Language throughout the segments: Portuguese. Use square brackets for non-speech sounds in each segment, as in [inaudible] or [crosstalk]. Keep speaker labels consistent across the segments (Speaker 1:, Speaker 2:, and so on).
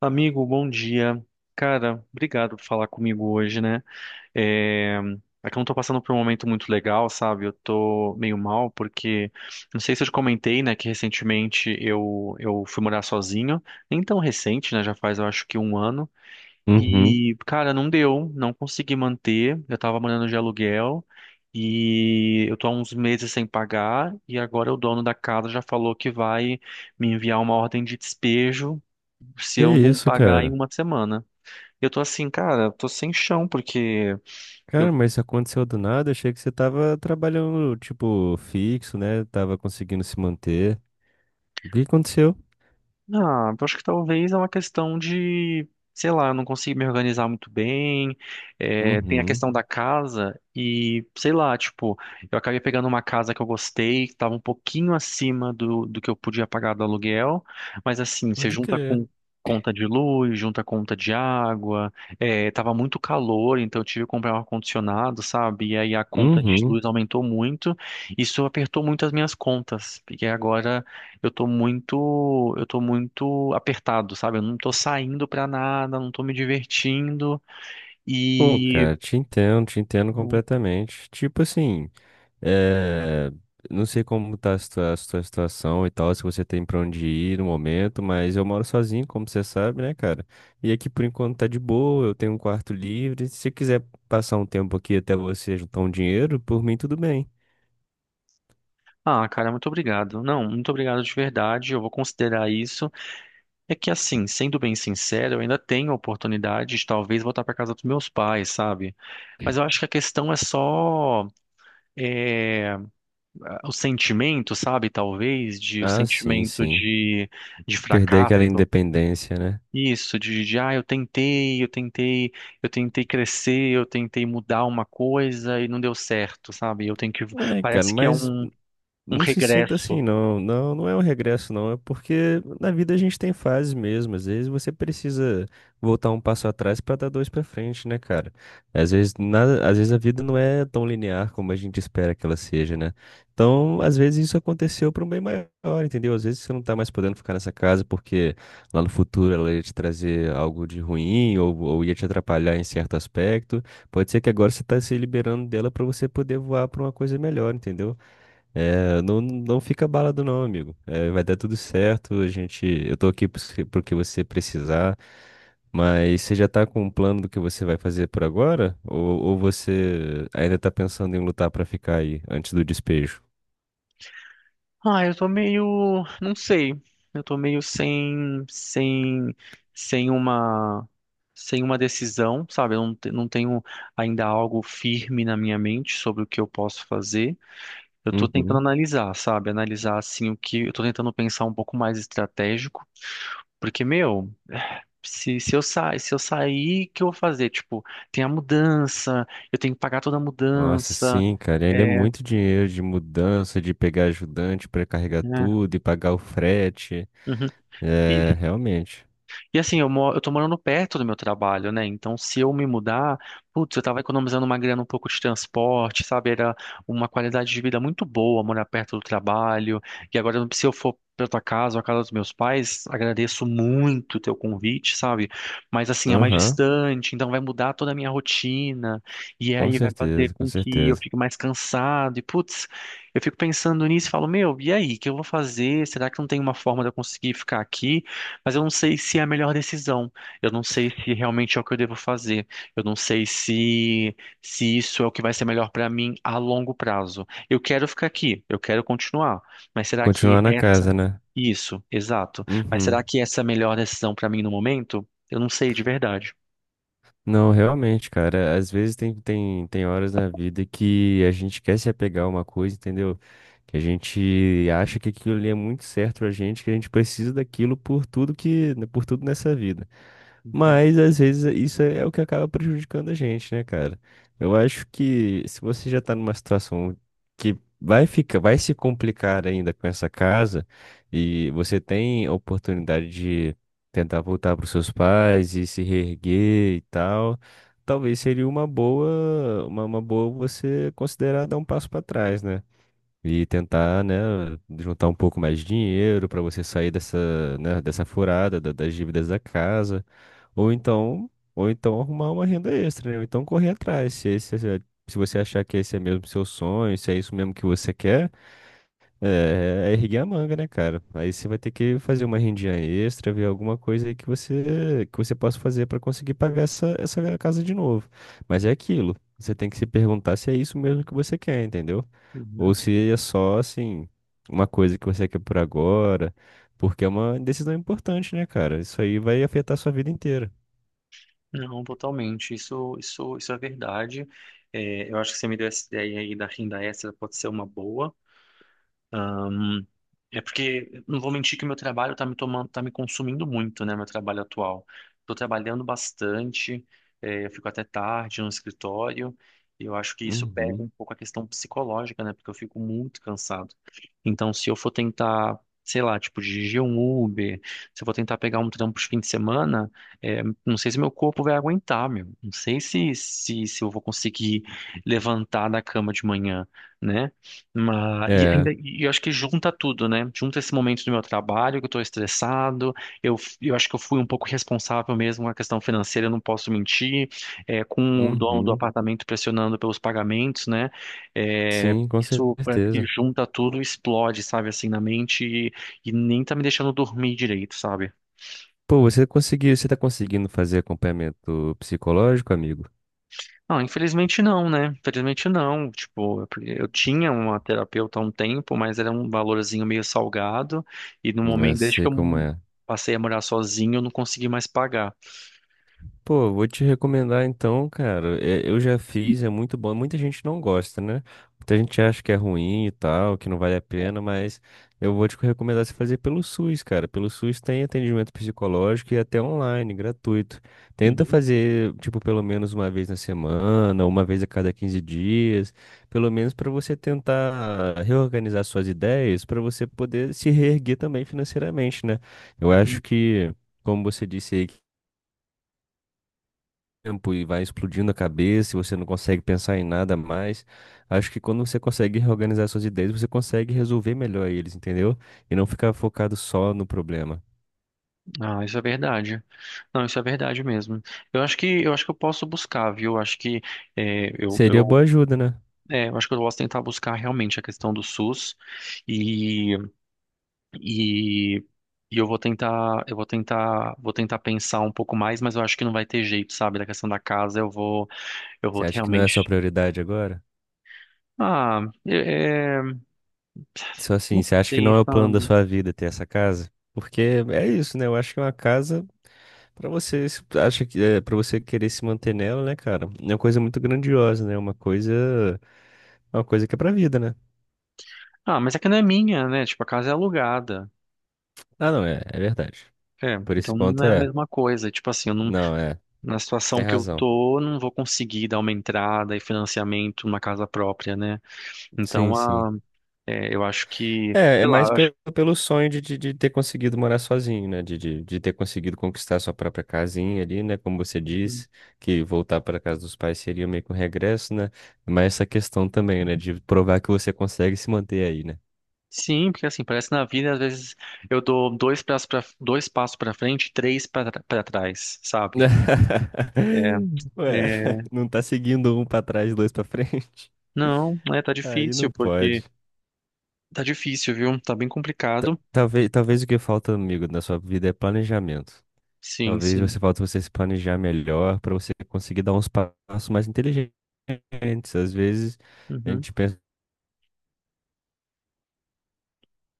Speaker 1: Amigo, bom dia. Cara, obrigado por falar comigo hoje, né? É... É que eu não tô passando por um momento muito legal, sabe? Eu tô meio mal porque, não sei se eu te comentei, né, que recentemente eu fui morar sozinho. Nem tão recente, né? Já faz, eu acho que um ano.
Speaker 2: Uhum.
Speaker 1: E, cara, não deu, não consegui manter. Eu tava morando de aluguel e eu tô há uns meses sem pagar. E agora o dono da casa já falou que vai me enviar uma ordem de despejo se
Speaker 2: Que
Speaker 1: eu não
Speaker 2: isso,
Speaker 1: pagar em
Speaker 2: cara?
Speaker 1: uma semana. Eu tô assim, cara, tô sem chão, porque
Speaker 2: Cara,
Speaker 1: eu
Speaker 2: mas isso aconteceu do nada. Achei que você tava trabalhando, tipo, fixo, né? Tava conseguindo se manter. O que aconteceu?
Speaker 1: Ah, eu acho que talvez é uma questão de, sei lá, eu não consigo me organizar muito bem. Tem a
Speaker 2: Uhum.
Speaker 1: questão da casa e, sei lá, tipo, eu acabei pegando uma casa que eu gostei, que estava um pouquinho acima do que eu podia pagar do aluguel, mas assim, você
Speaker 2: Pode
Speaker 1: junta
Speaker 2: crer.
Speaker 1: com conta de luz, junta conta de água, tava muito calor, então eu tive que comprar um ar-condicionado, sabe? E aí a conta de
Speaker 2: Uhum.
Speaker 1: luz aumentou muito, isso apertou muito as minhas contas, porque agora eu tô muito apertado, sabe? Eu não tô saindo pra nada, não tô me divertindo
Speaker 2: Pô,
Speaker 1: e
Speaker 2: cara, te entendo completamente. Tipo assim. É, não sei como tá a a sua situação e tal, se você tem pra onde ir no momento, mas eu moro sozinho, como você sabe, né, cara? E aqui por enquanto tá de boa, eu tenho um quarto livre. Se você quiser passar um tempo aqui até você juntar um dinheiro, por mim tudo bem.
Speaker 1: ah, cara, muito obrigado. Não, muito obrigado de verdade. Eu vou considerar isso. É que assim, sendo bem sincero, eu ainda tenho a oportunidade de talvez voltar pra casa dos meus pais, sabe? Mas eu acho que a questão é só é, o sentimento, sabe? Talvez de o
Speaker 2: Ah, sim,
Speaker 1: sentimento
Speaker 2: sim.
Speaker 1: de
Speaker 2: Perder aquela
Speaker 1: fracasso.
Speaker 2: independência, né?
Speaker 1: Isso, de eu tentei crescer, eu tentei mudar uma coisa e não deu certo, sabe? Eu tenho que.
Speaker 2: É, cara,
Speaker 1: Parece que é
Speaker 2: mas
Speaker 1: um
Speaker 2: não se sinta assim,
Speaker 1: regresso.
Speaker 2: não. Não, não é um regresso, não. É porque na vida a gente tem fases mesmo. Às vezes você precisa voltar um passo atrás para dar dois para frente, né, cara? Às vezes nada, às vezes a vida não é tão linear como a gente espera que ela seja, né? Então, às vezes isso aconteceu para um bem maior, entendeu? Às vezes você não tá mais podendo ficar nessa casa porque lá no futuro ela ia te trazer algo de ruim ou ia te atrapalhar em certo aspecto. Pode ser que agora você tá se liberando dela para você poder voar para uma coisa melhor, entendeu? É, não, não fica abalado não, amigo. É, vai dar tudo certo. A gente, eu tô aqui pro pro que você precisar. Mas você já tá com um plano do que você vai fazer por agora? Ou você ainda tá pensando em lutar pra ficar aí antes do despejo?
Speaker 1: Ah, eu tô meio. Não sei. Eu tô meio sem. Sem. Sem uma. Sem uma decisão, sabe? Eu não, te- Não tenho ainda algo firme na minha mente sobre o que eu posso fazer. Eu tô tentando
Speaker 2: Uhum.
Speaker 1: analisar, sabe? Analisar assim o que. Eu tô tentando pensar um pouco mais estratégico. Porque, meu, se eu sair, o que eu vou fazer? Tipo, tem a mudança, eu tenho que pagar toda a
Speaker 2: Nossa,
Speaker 1: mudança.
Speaker 2: sim, cara. E ainda é
Speaker 1: É,
Speaker 2: muito dinheiro de mudança, de pegar ajudante pra carregar
Speaker 1: né?
Speaker 2: tudo e pagar o frete.
Speaker 1: Uhum.
Speaker 2: É, realmente.
Speaker 1: E assim, eu tô morando perto do meu trabalho, né? Então, se eu me mudar, putz, eu tava economizando uma grana um pouco de transporte, sabe? Era uma qualidade de vida muito boa morar perto do trabalho. E agora, se eu for pra tua casa ou a casa dos meus pais, agradeço muito o teu convite, sabe? Mas assim, é mais
Speaker 2: Aham,
Speaker 1: distante, então vai mudar toda a minha rotina. E
Speaker 2: com
Speaker 1: aí vai fazer
Speaker 2: certeza, com
Speaker 1: com que eu
Speaker 2: certeza.
Speaker 1: fique mais cansado. E putz, eu fico pensando nisso e falo, meu, e aí, o que eu vou fazer? Será que não tem uma forma de eu conseguir ficar aqui? Mas eu não sei se é a melhor decisão. Eu não sei se realmente é o que eu devo fazer. Eu não sei se se isso é o que vai ser melhor para mim a longo prazo. Eu quero ficar aqui, eu quero continuar, mas será que
Speaker 2: Continuar na
Speaker 1: essa...
Speaker 2: casa, né?
Speaker 1: Isso, exato. Mas será
Speaker 2: Uhum.
Speaker 1: que essa é a melhor decisão para mim no momento? Eu não sei de verdade.
Speaker 2: Não, realmente, cara. Às vezes tem horas na vida que a gente quer se apegar a uma coisa, entendeu? Que a gente acha que aquilo ali é muito certo pra gente, que a gente precisa daquilo por tudo que, né, por tudo nessa vida.
Speaker 1: Uhum,
Speaker 2: Mas às vezes isso é o que acaba prejudicando a gente, né, cara? Eu acho que se você já tá numa situação que vai ficar, vai se complicar ainda com essa casa e você tem a oportunidade tentar voltar para os seus pais e se reerguer e tal, talvez seria uma boa, uma boa você considerar dar um passo para trás, né? E tentar, né, juntar um pouco mais de dinheiro para você sair dessa, né, dessa furada das dívidas da casa, ou então arrumar uma renda extra, né? Ou então correr atrás, se você achar que esse é mesmo seu sonho, se é isso mesmo que você quer. É, é erguer a manga, né, cara? Aí você vai ter que fazer uma rendinha extra, ver alguma coisa aí que você possa fazer pra conseguir pagar essa, essa casa de novo. Mas é aquilo. Você tem que se perguntar se é isso mesmo que você quer, entendeu? Ou
Speaker 1: uhum.
Speaker 2: se é só, assim, uma coisa que você quer por agora, porque é uma decisão importante, né, cara? Isso aí vai afetar a sua vida inteira.
Speaker 1: Não, totalmente. Isso é verdade. É, eu acho que você me deu essa ideia aí da renda extra, pode ser uma boa. É porque não vou mentir que meu trabalho tá me tomando, tá me consumindo muito, né, meu trabalho atual. Tô trabalhando bastante, eu fico até tarde no escritório, e eu acho que isso pega
Speaker 2: Uhum.
Speaker 1: um pouco a questão psicológica, né, porque eu fico muito cansado. Então, se eu for tentar, sei lá, tipo, dirigir um Uber, se eu for tentar pegar um trampo de fim de semana, não sei se meu corpo vai aguentar, meu. Não sei se eu vou conseguir levantar da cama de manhã, né? Mas, e
Speaker 2: É.
Speaker 1: ainda, e eu acho que junta tudo, né? Junta esse momento do meu trabalho, que eu tô estressado, eu acho que eu fui um pouco responsável mesmo com a questão financeira, eu não posso mentir, é, com o dono do
Speaker 2: Uhum.
Speaker 1: apartamento pressionando pelos pagamentos, né? É,
Speaker 2: Sim, com
Speaker 1: isso parece que
Speaker 2: certeza.
Speaker 1: junta tudo, explode, sabe, assim, na mente e nem tá me deixando dormir direito, sabe?
Speaker 2: Pô, você tá conseguindo fazer acompanhamento psicológico, amigo?
Speaker 1: Não, infelizmente não, né? Infelizmente não. Tipo, eu tinha uma terapeuta há um tempo, mas era um valorzinho meio salgado. E no
Speaker 2: Eu
Speaker 1: momento, desde que
Speaker 2: sei como
Speaker 1: eu
Speaker 2: é.
Speaker 1: passei a morar sozinho, eu não consegui mais pagar.
Speaker 2: Pô, vou te recomendar então, cara. É, eu já fiz, é muito bom. Muita gente não gosta, né? Muita gente acha que é ruim e tal, que não vale a pena, mas eu vou te recomendar você fazer pelo SUS, cara. Pelo SUS tem atendimento psicológico e até online, gratuito. Tenta
Speaker 1: Uhum,
Speaker 2: fazer, tipo, pelo menos uma vez na semana, uma vez a cada 15 dias, pelo menos para você tentar reorganizar suas ideias, para você poder se reerguer também financeiramente, né? Eu acho
Speaker 1: uhum.
Speaker 2: que. Como você disse aí tempo e vai explodindo a cabeça, e você não consegue pensar em nada mais. Acho que quando você consegue reorganizar suas ideias, você consegue resolver melhor eles, entendeu? E não ficar focado só no problema.
Speaker 1: Ah, isso é verdade. Não, isso é verdade mesmo. Eu acho que eu posso buscar, viu? É, eu,
Speaker 2: Seria
Speaker 1: eu,
Speaker 2: boa ajuda, né?
Speaker 1: eu acho que eu posso tentar buscar realmente a questão do SUS. E E, e eu vou tentar, vou tentar pensar um pouco mais, mas eu acho que não vai ter jeito, sabe? Da questão da casa, eu vou
Speaker 2: Você acha que não é sua
Speaker 1: realmente...
Speaker 2: prioridade agora?
Speaker 1: Ah, é, é,
Speaker 2: Só assim,
Speaker 1: não
Speaker 2: você acha que
Speaker 1: sei,
Speaker 2: não é o plano da
Speaker 1: sabe?
Speaker 2: sua vida ter essa casa? Porque é isso, né? Eu acho que é uma casa pra você, acha que é para você querer se manter nela, né, cara? É uma coisa muito grandiosa, né? Uma coisa que é pra vida, né?
Speaker 1: Ah, mas é que não é minha, né? Tipo, a casa é alugada.
Speaker 2: Ah, não, é, é verdade.
Speaker 1: É,
Speaker 2: Por esse
Speaker 1: então não
Speaker 2: ponto
Speaker 1: é a
Speaker 2: é.
Speaker 1: mesma coisa. Tipo assim, eu não,
Speaker 2: Não, é.
Speaker 1: na
Speaker 2: Tem
Speaker 1: situação que eu
Speaker 2: razão.
Speaker 1: tô, não vou conseguir dar uma entrada e financiamento numa casa própria, né?
Speaker 2: Sim,
Speaker 1: Então,
Speaker 2: sim.
Speaker 1: ah, eu acho que,
Speaker 2: É, é
Speaker 1: sei lá,
Speaker 2: mais
Speaker 1: eu
Speaker 2: pelo, pelo sonho de ter conseguido morar sozinho, né? De ter conseguido conquistar sua própria casinha ali, né? Como você
Speaker 1: acho.
Speaker 2: disse, que voltar para casa dos pais seria meio que um regresso, né? Mas essa questão também, né? De provar que você consegue se manter aí, né?
Speaker 1: Sim, porque assim, parece que na vida, às vezes eu dou dois passos pra, dois passos para frente, e três para trás, sabe?
Speaker 2: [laughs]
Speaker 1: É,
Speaker 2: Ué,
Speaker 1: é,
Speaker 2: não tá seguindo um pra trás, dois pra frente.
Speaker 1: não, é, tá
Speaker 2: [laughs] Aí
Speaker 1: difícil,
Speaker 2: não
Speaker 1: porque
Speaker 2: pode.
Speaker 1: tá difícil, viu? Tá bem complicado.
Speaker 2: Talvez, talvez o que falta, amigo, na sua vida é planejamento.
Speaker 1: Sim,
Speaker 2: Talvez
Speaker 1: sim.
Speaker 2: você falta você se planejar melhor para você conseguir dar uns passos mais inteligentes. Às vezes a
Speaker 1: Uhum.
Speaker 2: gente pensa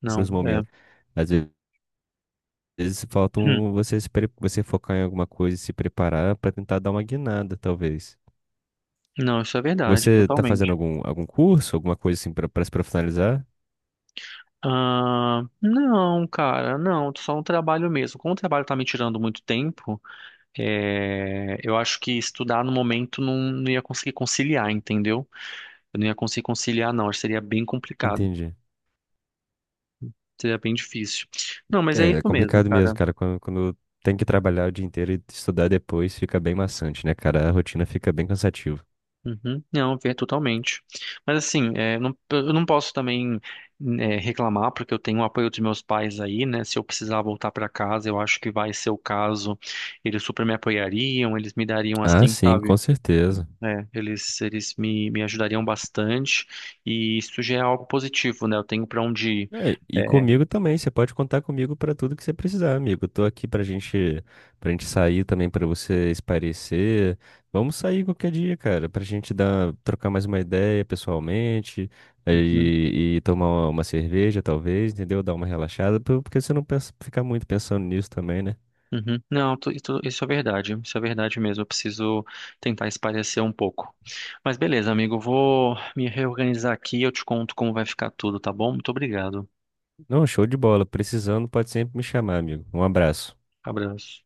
Speaker 1: Não,
Speaker 2: nos
Speaker 1: é.
Speaker 2: momentos. Às vezes falta
Speaker 1: [clears throat]
Speaker 2: você se pre- você focar em alguma coisa e se preparar para tentar dar uma guinada, talvez.
Speaker 1: Não, isso é verdade,
Speaker 2: Você está fazendo
Speaker 1: totalmente.
Speaker 2: algum curso, alguma coisa assim para se profissionalizar?
Speaker 1: Ah, não, cara, não, só um trabalho mesmo. Como o trabalho tá me tirando muito tempo, eu acho que estudar no momento não, não ia conseguir conciliar, entendeu? Eu não ia conseguir conciliar, não, acho que seria bem complicado.
Speaker 2: Entendi.
Speaker 1: Seria bem difícil. Não, mas é
Speaker 2: É, é
Speaker 1: isso mesmo,
Speaker 2: complicado mesmo,
Speaker 1: cara.
Speaker 2: cara. Quando tem que trabalhar o dia inteiro e estudar depois, fica bem maçante, né, cara? A rotina fica bem cansativa.
Speaker 1: Uhum. Não, ver totalmente. Mas assim, eu não posso também, reclamar, porque eu tenho o apoio dos meus pais aí, né? Se eu precisar voltar para casa, eu acho que vai ser o caso. Eles super me apoiariam, eles me dariam
Speaker 2: Ah,
Speaker 1: assim,
Speaker 2: sim, com
Speaker 1: sabe?
Speaker 2: certeza.
Speaker 1: Eles me ajudariam bastante. E isso já é algo positivo, né? Eu tenho para onde ir.
Speaker 2: É, e
Speaker 1: É,
Speaker 2: comigo também, você pode contar comigo para tudo que você precisar, amigo. Eu tô aqui pra gente sair também, pra você espairecer. Vamos sair qualquer dia, cara, pra gente dar, trocar mais uma ideia pessoalmente
Speaker 1: uhum.
Speaker 2: e tomar uma cerveja, talvez, entendeu? Dar uma relaxada, porque você não pensa, ficar muito pensando nisso também, né?
Speaker 1: Uhum. Não, tu- Isso é verdade. Isso é verdade mesmo. Eu preciso tentar espairecer um pouco. Mas beleza, amigo, eu vou me reorganizar aqui e eu te conto como vai ficar tudo, tá bom? Muito obrigado.
Speaker 2: Não, show de bola. Precisando, pode sempre me chamar, amigo. Um abraço.
Speaker 1: Abraço.